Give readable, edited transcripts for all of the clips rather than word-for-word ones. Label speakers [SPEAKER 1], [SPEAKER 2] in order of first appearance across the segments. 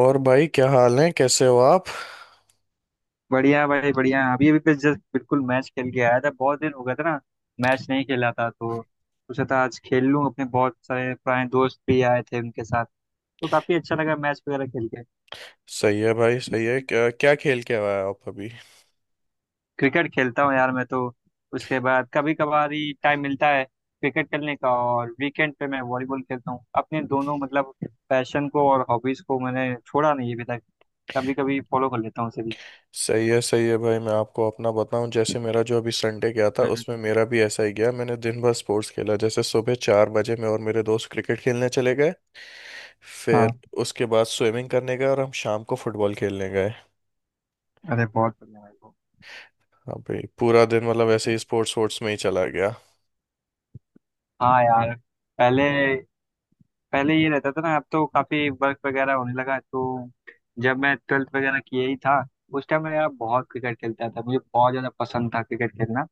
[SPEAKER 1] और भाई, क्या हाल है? कैसे हो आप?
[SPEAKER 2] बढ़िया भाई, बढ़िया। अभी अभी बस जस्ट बिल्कुल मैच खेल के आया था। बहुत दिन हो गया था ना, मैच नहीं खेला था, तो सोचा था आज खेल लूँ। अपने बहुत सारे पुराने दोस्त भी आए थे, उनके साथ तो काफी अच्छा लगा मैच वगैरह खेल के।
[SPEAKER 1] सही है भाई, सही है। क्या क्या खेल के आया आप अभी?
[SPEAKER 2] क्रिकेट खेलता हूँ यार मैं तो। उसके बाद कभी कभार ही टाइम मिलता है क्रिकेट खेलने का, और वीकेंड पे मैं वॉलीबॉल खेलता हूँ। अपने दोनों मतलब पैशन को और हॉबीज को मैंने छोड़ा नहीं अभी तक, कभी कभी फॉलो कर लेता हूँ उसे भी।
[SPEAKER 1] सही है, सही है भाई। मैं आपको अपना बताऊं, जैसे मेरा जो अभी संडे गया था
[SPEAKER 2] हम्म।
[SPEAKER 1] उसमें मेरा भी ऐसा ही गया। मैंने दिन भर स्पोर्ट्स खेला। जैसे सुबह 4 बजे मैं और मेरे दोस्त क्रिकेट खेलने चले गए। फिर
[SPEAKER 2] हाँ।
[SPEAKER 1] उसके बाद स्विमिंग करने गए और हम शाम को फुटबॉल खेलने गए।
[SPEAKER 2] अरे बहुत बढ़िया भाई, बहुत
[SPEAKER 1] अभी पूरा दिन मतलब ऐसे
[SPEAKER 2] बढ़िया।
[SPEAKER 1] ही स्पोर्ट्स स्पोर्ट्स में ही चला गया।
[SPEAKER 2] हाँ यार। पहले पहले ये रहता था ना, अब तो काफी वर्क वगैरह होने लगा तो। जब मैं 12th वगैरह किया ही था उस टाइम मैं यार बहुत क्रिकेट खेलता था, मुझे बहुत ज्यादा पसंद था क्रिकेट खेलना।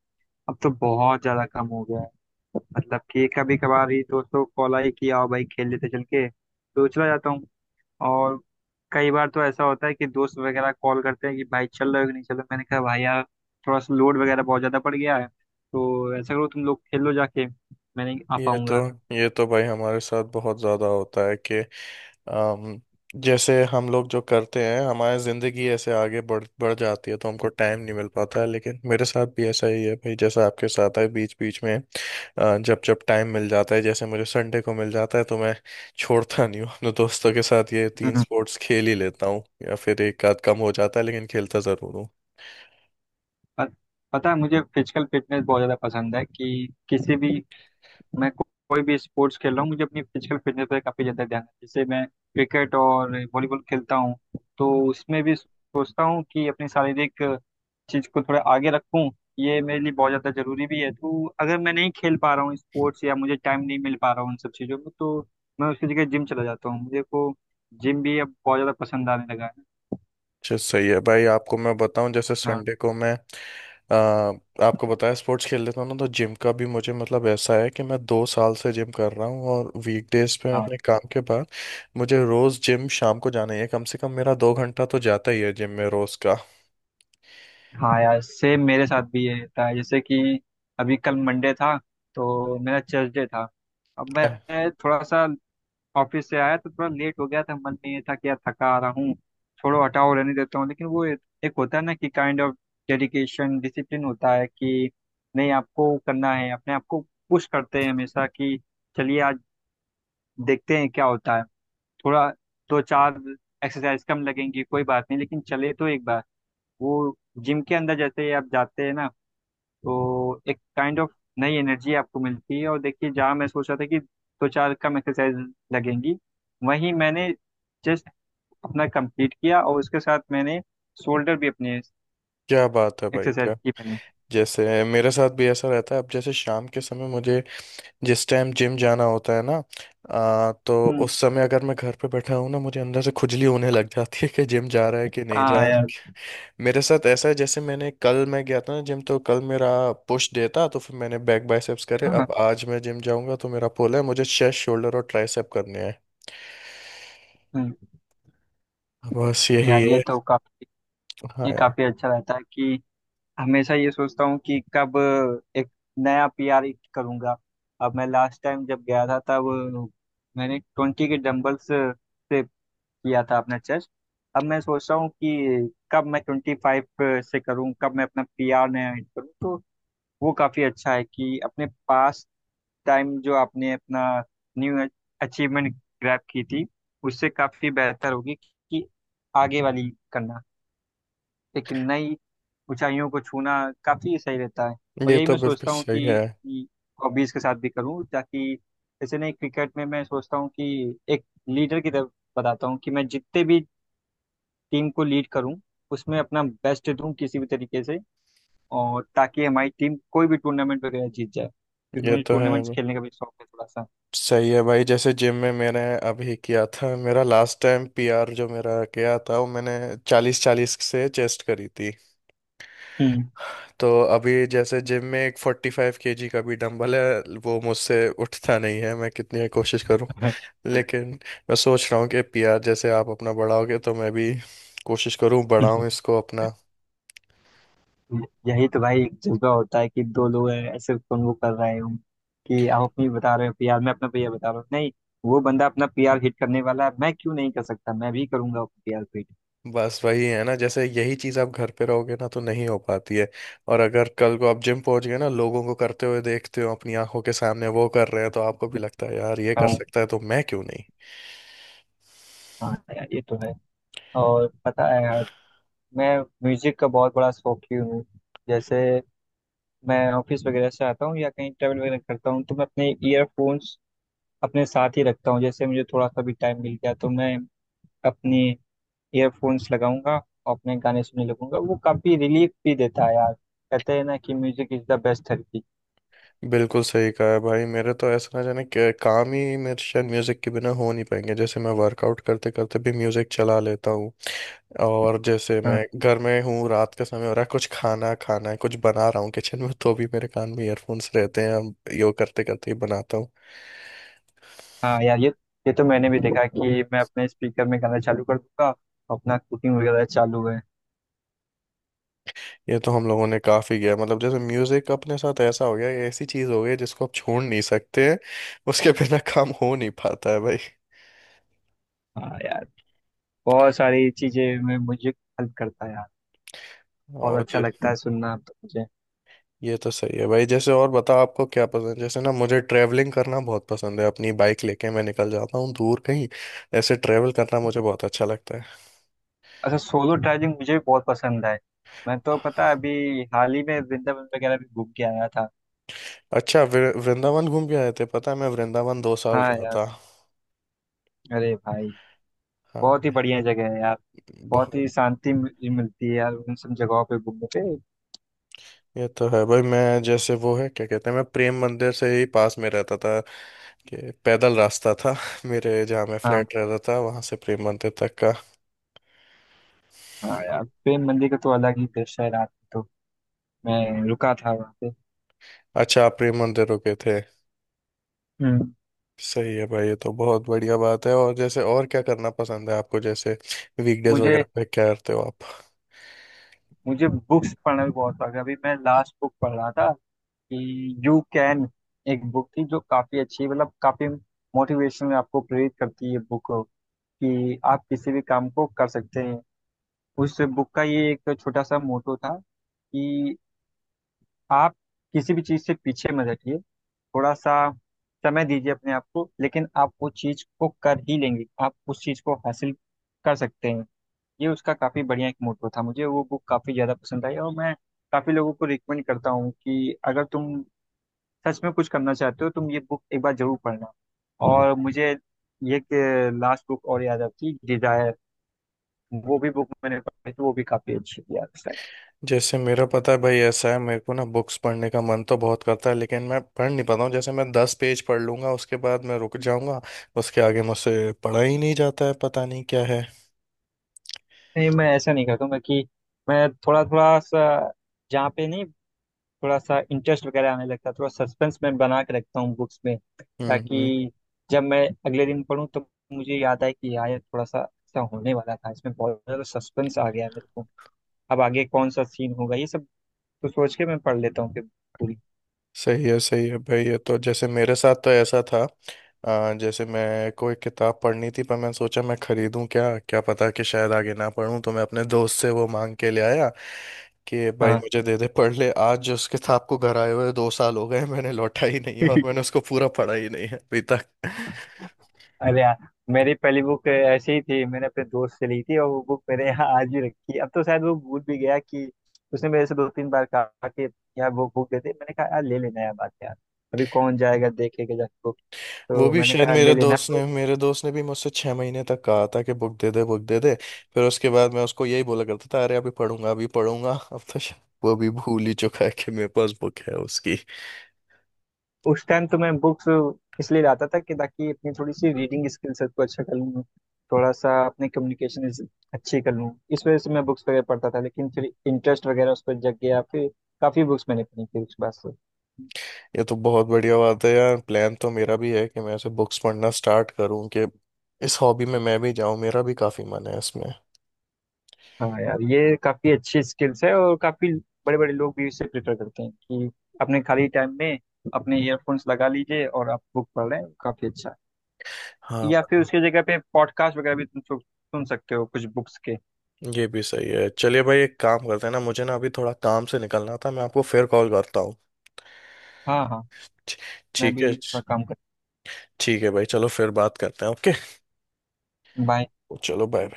[SPEAKER 2] अब तो बहुत ज्यादा कम हो गया है। मतलब कि कभी कभार ही दोस्तों को कॉल आई कि आओ भाई खेल लेते, चल के तो चला जाता हूँ। और कई बार तो ऐसा होता है कि दोस्त वगैरह कॉल करते हैं कि भाई चल रहे हो कि नहीं चल रहे, मैंने कहा भाई यार थोड़ा सा लोड वगैरह बहुत ज्यादा पड़ गया है, तो ऐसा करो तुम लोग खेल लो जाके, मैं नहीं आ
[SPEAKER 1] ये तो
[SPEAKER 2] पाऊंगा।
[SPEAKER 1] ये तो भाई, हमारे साथ बहुत ज़्यादा होता है कि अम, जैसे हम लोग जो करते हैं, हमारी ज़िंदगी ऐसे आगे बढ़ बढ़ जाती है, तो हमको टाइम नहीं मिल पाता है। लेकिन मेरे साथ भी ऐसा ही है भाई, जैसा आपके साथ है। बीच बीच में जब जब टाइम मिल जाता है, जैसे मुझे संडे को मिल जाता है, तो मैं छोड़ता नहीं हूँ। अपने दोस्तों के साथ ये तीन स्पोर्ट्स खेल ही लेता हूँ, या फिर एक आध कम हो जाता है, लेकिन खेलता ज़रूर हूँ।
[SPEAKER 2] प- पता है, मुझे फिजिकल फिटनेस बहुत ज़्यादा पसंद है कि किसी भी मैं को, कोई भी स्पोर्ट्स खेल रहा हूँ मुझे अपनी फिजिकल फिटनेस पे काफ़ी ज़्यादा ध्यान है। जैसे मैं क्रिकेट और वॉलीबॉल खेलता हूँ तो उसमें भी सोचता हूँ कि अपनी शारीरिक चीज़ को थोड़ा आगे रखूँ। ये मेरे लिए बहुत ज़्यादा ज़रूरी भी है, तो अगर मैं नहीं खेल पा रहा हूँ स्पोर्ट्स या मुझे टाइम नहीं मिल पा रहा हूँ उन सब चीज़ों में तो मैं उसकी जगह जिम चला जाता हूँ। मुझे को जिम भी अब बहुत ज़्यादा पसंद आने लगा है।
[SPEAKER 1] अच्छा, सही है भाई। आपको मैं बताऊं, जैसे
[SPEAKER 2] हाँ।
[SPEAKER 1] संडे को मैं आ, आपको बताया स्पोर्ट्स खेल लेता हूँ ना, तो जिम का भी मुझे मतलब ऐसा है कि मैं 2 साल से जिम कर रहा हूँ, और वीकडेज पे मैं
[SPEAKER 2] हाँ।
[SPEAKER 1] अपने काम के बाद मुझे रोज जिम शाम को जाना ही है। कम से कम मेरा 2 घंटा तो जाता ही है जिम में रोज का।
[SPEAKER 2] हाँ यार सेम मेरे साथ भी ये होता है। जैसे कि अभी कल मंडे था तो मेरा चर्च डे था। अब मैं
[SPEAKER 1] आह,
[SPEAKER 2] थोड़ा सा ऑफिस से आया तो थोड़ा लेट हो गया था, मन में ये था कि यार थका आ रहा हूँ, छोड़ो हटाओ रहने देता हूँ। लेकिन वो एक होता है ना कि काइंड ऑफ डेडिकेशन डिसिप्लिन होता है कि नहीं, आपको करना है, अपने आप को पुश करते हैं हमेशा कि चलिए आज देखते हैं क्या होता है। थोड़ा दो चार एक्सरसाइज कम लगेंगी कोई बात नहीं, लेकिन चले तो एक बार। वो जिम के अंदर जैसे ही आप जाते हैं ना, तो एक काइंड ऑफ नई एनर्जी आपको मिलती है। और देखिए, जहाँ मैं सोच रहा था कि दो चार कम एक्सरसाइज लगेंगी, वहीं मैंने जस्ट अपना कंप्लीट किया, और उसके साथ मैंने शोल्डर भी अपने
[SPEAKER 1] क्या बात है भाई,
[SPEAKER 2] एक्सरसाइज
[SPEAKER 1] क्या!
[SPEAKER 2] की मैंने।
[SPEAKER 1] जैसे मेरे साथ भी ऐसा रहता है। अब जैसे शाम के समय मुझे जिस टाइम जिम जाना होता है ना, तो
[SPEAKER 2] हम्म।
[SPEAKER 1] उस समय अगर मैं घर पे बैठा हूँ ना, मुझे अंदर से खुजली होने लग जाती है कि जिम जा रहा है कि नहीं
[SPEAKER 2] हाँ
[SPEAKER 1] जा।
[SPEAKER 2] यार।
[SPEAKER 1] मेरे साथ ऐसा है, जैसे मैंने कल मैं गया था ना जिम, तो कल मेरा पुश डे था, तो फिर मैंने बैक बाइसेप्स करे।
[SPEAKER 2] हाँ।
[SPEAKER 1] अब आज मैं जिम जाऊंगा तो मेरा पुल है, मुझे चेस्ट, शोल्डर और ट्राइसेप करने हैं।
[SPEAKER 2] हम्म।
[SPEAKER 1] बस यही
[SPEAKER 2] यार ये
[SPEAKER 1] है।
[SPEAKER 2] तो काफी,
[SPEAKER 1] हाँ
[SPEAKER 2] ये
[SPEAKER 1] यार,
[SPEAKER 2] काफी अच्छा रहता है कि हमेशा ये सोचता हूँ कि कब एक नया पीआर हिट करूंगा। अब मैं लास्ट टाइम जब गया था तब मैंने 20 के डंबल्स से किया था अपना चेस्ट। अब मैं सोच रहा हूँ कि कब मैं 25 से करूँ, कब मैं अपना पी आर नया हिट करूँ। तो वो काफ़ी अच्छा है कि अपने पास टाइम जो आपने अपना न्यू अचीवमेंट ग्रैब की थी उससे काफ़ी बेहतर होगी कि आगे वाली करना, एक नई ऊंचाइयों को छूना काफ़ी सही रहता है। और
[SPEAKER 1] ये
[SPEAKER 2] यही
[SPEAKER 1] तो
[SPEAKER 2] मैं
[SPEAKER 1] बिल्कुल
[SPEAKER 2] सोचता हूँ
[SPEAKER 1] सही
[SPEAKER 2] कि
[SPEAKER 1] है।
[SPEAKER 2] हॉबीज़ के साथ भी करूँ, ताकि जैसे नहीं, क्रिकेट में मैं सोचता हूँ कि एक लीडर की तरफ बताता हूँ कि मैं जितने भी टीम को लीड करूं उसमें अपना बेस्ट दूं किसी भी तरीके से, और ताकि हमारी टीम कोई भी टूर्नामेंट वगैरह जीत जाए, क्योंकि
[SPEAKER 1] ये
[SPEAKER 2] मुझे
[SPEAKER 1] तो
[SPEAKER 2] टूर्नामेंट्स
[SPEAKER 1] है।
[SPEAKER 2] खेलने का भी शौक है थोड़ा सा।
[SPEAKER 1] सही है भाई, जैसे जिम में मैंने अभी किया था, मेरा लास्ट टाइम पीआर जो मेरा गया था, वो मैंने 40 40 से चेस्ट करी थी।
[SPEAKER 2] हम्म।
[SPEAKER 1] तो अभी जैसे जिम में एक 45 kg का भी डंबल है, वो मुझसे उठता नहीं है, मैं कितनी कोशिश करूं। लेकिन मैं सोच रहा हूँ कि पीआर जैसे आप अपना बढ़ाओगे, तो मैं भी कोशिश करूँ, बढ़ाऊँ इसको अपना।
[SPEAKER 2] यही तो भाई एक जज्बा होता है कि दो लोग हैं, ऐसे कन्वो कर रहे हो कि आप अपनी बता रहे हो पीआर, मैं अपना पीआर बता रहा हूँ। नहीं, वो बंदा अपना पीआर हिट करने वाला है, मैं क्यों नहीं कर सकता, मैं भी करूंगा अपना पीआर हिट।
[SPEAKER 1] बस वही है ना, जैसे यही चीज़ आप घर पे रहोगे ना तो नहीं हो पाती है। और अगर कल को आप जिम पहुंच गए ना, लोगों को करते हुए देखते हो अपनी आंखों के सामने, वो कर रहे हैं तो आपको भी लगता है, यार, ये कर
[SPEAKER 2] हाँ।
[SPEAKER 1] सकता है तो मैं क्यों नहीं।
[SPEAKER 2] हाँ यार ये तो है। और पता है यार, मैं म्यूजिक का बहुत बड़ा शौकीन हूँ। जैसे मैं ऑफिस वगैरह से आता हूँ या कहीं ट्रैवल वगैरह करता हूँ तो मैं अपने ईयरफोन्स अपने साथ ही रखता हूँ। जैसे मुझे थोड़ा सा भी टाइम मिल गया तो मैं अपने ईयरफोन्स लगाऊंगा और अपने गाने सुनने लगूंगा। वो काफी रिलीफ भी देता है यार, कहते हैं ना कि music is the best therapy.
[SPEAKER 1] बिल्कुल सही कहा है भाई। मेरे तो ऐसा, ना जाने काम ही मेरे शायद म्यूजिक के बिना हो नहीं पाएंगे। जैसे मैं वर्कआउट करते करते भी म्यूजिक चला लेता हूँ। और जैसे
[SPEAKER 2] हाँ।
[SPEAKER 1] मैं घर में हूँ, रात का समय हो रहा है, कुछ खाना खाना है, कुछ बना रहा हूँ किचन में, तो भी मेरे कान में ईयरफोन्स रहते हैं। हम यो करते करते ही बनाता हूँ।
[SPEAKER 2] हाँ यार, ये तो मैंने भी देखा कि मैं अपने स्पीकर में गाना चालू कर दूंगा और अपना कुकिंग वगैरह चालू है।
[SPEAKER 1] ये तो हम लोगों ने काफी किया है। मतलब जैसे म्यूजिक अपने साथ ऐसा हो गया, ये ऐसी चीज हो गई है जिसको आप छोड़ नहीं सकते हैं। उसके बिना काम हो नहीं पाता है भाई।
[SPEAKER 2] हाँ यार, बहुत सारी चीजें में म्यूजिक हेल्प करता है यार। बहुत
[SPEAKER 1] और
[SPEAKER 2] अच्छा लगता है सुनना तो मुझे।
[SPEAKER 1] ये तो सही है भाई। जैसे और बता, आपको क्या पसंद है? जैसे ना, मुझे ट्रैवलिंग करना बहुत पसंद है। अपनी बाइक लेके मैं निकल जाता हूँ दूर कहीं। ऐसे ट्रैवल करना मुझे बहुत अच्छा लगता है।
[SPEAKER 2] अच्छा, सोलो ट्रैवलिंग मुझे भी बहुत पसंद है। मैं तो पता है, अभी हाल ही में वृंदावन वगैरह भी घूम के आया था।
[SPEAKER 1] अच्छा, वृंदावन घूम के आए थे? पता है, मैं वृंदावन दो साल
[SPEAKER 2] हाँ
[SPEAKER 1] रहा
[SPEAKER 2] यार।
[SPEAKER 1] था।
[SPEAKER 2] अरे भाई,
[SPEAKER 1] हाँ
[SPEAKER 2] बहुत ही
[SPEAKER 1] भाई,
[SPEAKER 2] बढ़िया जगह है यार। बहुत ही
[SPEAKER 1] बहुत।
[SPEAKER 2] शांति मिलती है यार उन सब जगहों पे घूमने पे।
[SPEAKER 1] ये तो है भाई, मैं जैसे वो है क्या कहते हैं, मैं प्रेम मंदिर से ही पास में रहता था। कि पैदल रास्ता था मेरे, जहाँ मैं
[SPEAKER 2] हाँ।
[SPEAKER 1] फ्लैट रहता था वहां से प्रेम मंदिर तक का।
[SPEAKER 2] हाँ यार, प्रेम मंदिर का तो अलग ही दृश्य है रात में तो। मैं रुका था वहाँ पे।
[SPEAKER 1] अच्छा, आप प्रेम मंदिर रुके थे?
[SPEAKER 2] हम्म।
[SPEAKER 1] सही है भाई, ये तो बहुत बढ़िया बात है। और जैसे, और क्या करना पसंद है आपको? जैसे वीकडेज
[SPEAKER 2] मुझे
[SPEAKER 1] वगैरह पे क्या करते हो आप?
[SPEAKER 2] मुझे बुक्स पढ़ना भी बहुत शौक है। अभी मैं लास्ट बुक पढ़ रहा था कि यू कैन, एक बुक थी जो काफी अच्छी, मतलब काफी मोटिवेशन आपको प्रेरित करती है बुक कि आप किसी भी काम को कर सकते हैं। उस बुक का ये एक छोटा सा मोटो था कि आप किसी भी चीज़ से पीछे मत हटिए, थोड़ा सा समय दीजिए अपने आप को, लेकिन आप वो चीज़ को कर ही लेंगे, आप उस चीज़ को हासिल कर सकते हैं। ये उसका काफ़ी बढ़िया एक मोटो था। मुझे वो बुक काफ़ी ज़्यादा पसंद आई, और मैं काफ़ी लोगों को रिकमेंड करता हूँ कि अगर तुम सच में कुछ करना चाहते हो तुम ये बुक एक बार जरूर पढ़ना। और मुझे ये लास्ट बुक और याद आती डिजायर, वो भी बुक मैंने पढ़ी तो वो भी काफी अच्छी थी यार उस टाइम।
[SPEAKER 1] जैसे मेरा, पता है भाई, ऐसा है, मेरे को ना बुक्स पढ़ने का मन तो बहुत करता है, लेकिन मैं पढ़ नहीं पाता हूँ। जैसे मैं 10 पेज पढ़ लूंगा, उसके बाद मैं रुक जाऊंगा। उसके आगे मुझसे पढ़ा ही नहीं जाता है, पता नहीं क्या है।
[SPEAKER 2] नहीं, मैं ऐसा नहीं करता हूँ, मैं थोड़ा थोड़ा सा, जहाँ पे नहीं, थोड़ा सा इंटरेस्ट वगैरह आने लगता है, थोड़ा सस्पेंस मैं बना के रखता हूँ बुक्स में,
[SPEAKER 1] हम्म, हम्म।
[SPEAKER 2] ताकि जब मैं अगले दिन पढूं तो मुझे याद आए कि यार ये थोड़ा सा ऐसा होने वाला था, इसमें बहुत ज्यादा सस्पेंस आ गया है मेरे को, अब आगे कौन सा सीन होगा ये सब, तो सोच के मैं पढ़ लेता हूँ फिर पूरी।
[SPEAKER 1] सही है, सही है भाई। ये तो, जैसे मेरे साथ तो ऐसा था, जैसे मैं, कोई किताब पढ़नी थी, पर मैं सोचा मैं खरीदूं क्या, क्या पता कि शायद आगे ना पढूं, तो मैं अपने दोस्त से वो मांग के ले आया। कि भाई
[SPEAKER 2] हाँ।
[SPEAKER 1] मुझे दे दे, पढ़ ले आज, जो उसके साथ को घर आए हुए 2 साल हो गए, मैंने लौटा ही नहीं है और मैंने उसको पूरा पढ़ा ही नहीं है अभी तक।
[SPEAKER 2] अरे यार, मेरी पहली बुक ऐसे ही थी, मैंने अपने दोस्त से ली थी और वो बुक मेरे यहाँ आज भी रखी है। अब तो शायद वो भूल भी गया कि उसने मेरे से दो तीन बार कहा कि यार वो बुक दे दे। मैंने कहा यार ले लेना यार, बात यार अभी कौन जाएगा देखेगा जाके बुक,
[SPEAKER 1] वो
[SPEAKER 2] तो
[SPEAKER 1] भी
[SPEAKER 2] मैंने
[SPEAKER 1] शायद,
[SPEAKER 2] कहा ले
[SPEAKER 1] मेरे
[SPEAKER 2] लेना
[SPEAKER 1] दोस्त
[SPEAKER 2] तो।
[SPEAKER 1] ने मेरे दोस्त ने भी मुझसे 6 महीने तक कहा था कि बुक दे दे, बुक दे दे। फिर उसके बाद मैं उसको यही बोला करता था, अरे अभी पढ़ूंगा, अभी पढ़ूंगा। अब तो शायद वो भी भूल ही चुका है कि मेरे पास बुक है उसकी।
[SPEAKER 2] उस टाइम तो मैं बुक्स इसलिए लाता था कि ताकि अपनी थोड़ी सी रीडिंग स्किल सबको अच्छा कर लूँ, थोड़ा सा अपनी कम्युनिकेशन अच्छी कर लूँ। इस वजह से मैं बुक्स वगैरह पढ़ता था, लेकिन फिर इंटरेस्ट वगैरह उस पर जग गया, फिर काफ़ी बुक्स मैंने पढ़ी थी उसके बाद।
[SPEAKER 1] ये तो बहुत बढ़िया बात है यार। प्लान तो मेरा भी है कि मैं ऐसे बुक्स पढ़ना स्टार्ट करूं, कि इस हॉबी में मैं भी जाऊं। मेरा भी काफी मन है इसमें।
[SPEAKER 2] हाँ यार, ये काफी अच्छी स्किल्स है, और काफी बड़े बड़े लोग भी इसे प्रेफर करते हैं कि अपने खाली टाइम में अपने ईयरफोन्स लगा लीजिए और आप बुक पढ़ लें, काफी अच्छा है।
[SPEAKER 1] हाँ,
[SPEAKER 2] या फिर उसकी जगह पे पॉडकास्ट वगैरह भी तुम सुन सकते हो कुछ बुक्स के।
[SPEAKER 1] ये भी सही है। चलिए भाई, एक काम करते हैं ना, मुझे ना अभी थोड़ा काम से निकलना था, मैं आपको फिर कॉल करता हूँ।
[SPEAKER 2] हाँ। हाँ,
[SPEAKER 1] ठी-
[SPEAKER 2] मैं
[SPEAKER 1] ठीक है।
[SPEAKER 2] भी थोड़ा काम कर।
[SPEAKER 1] ठीक है भाई, चलो फिर बात करते हैं। Okay,
[SPEAKER 2] bye.
[SPEAKER 1] चलो बाय।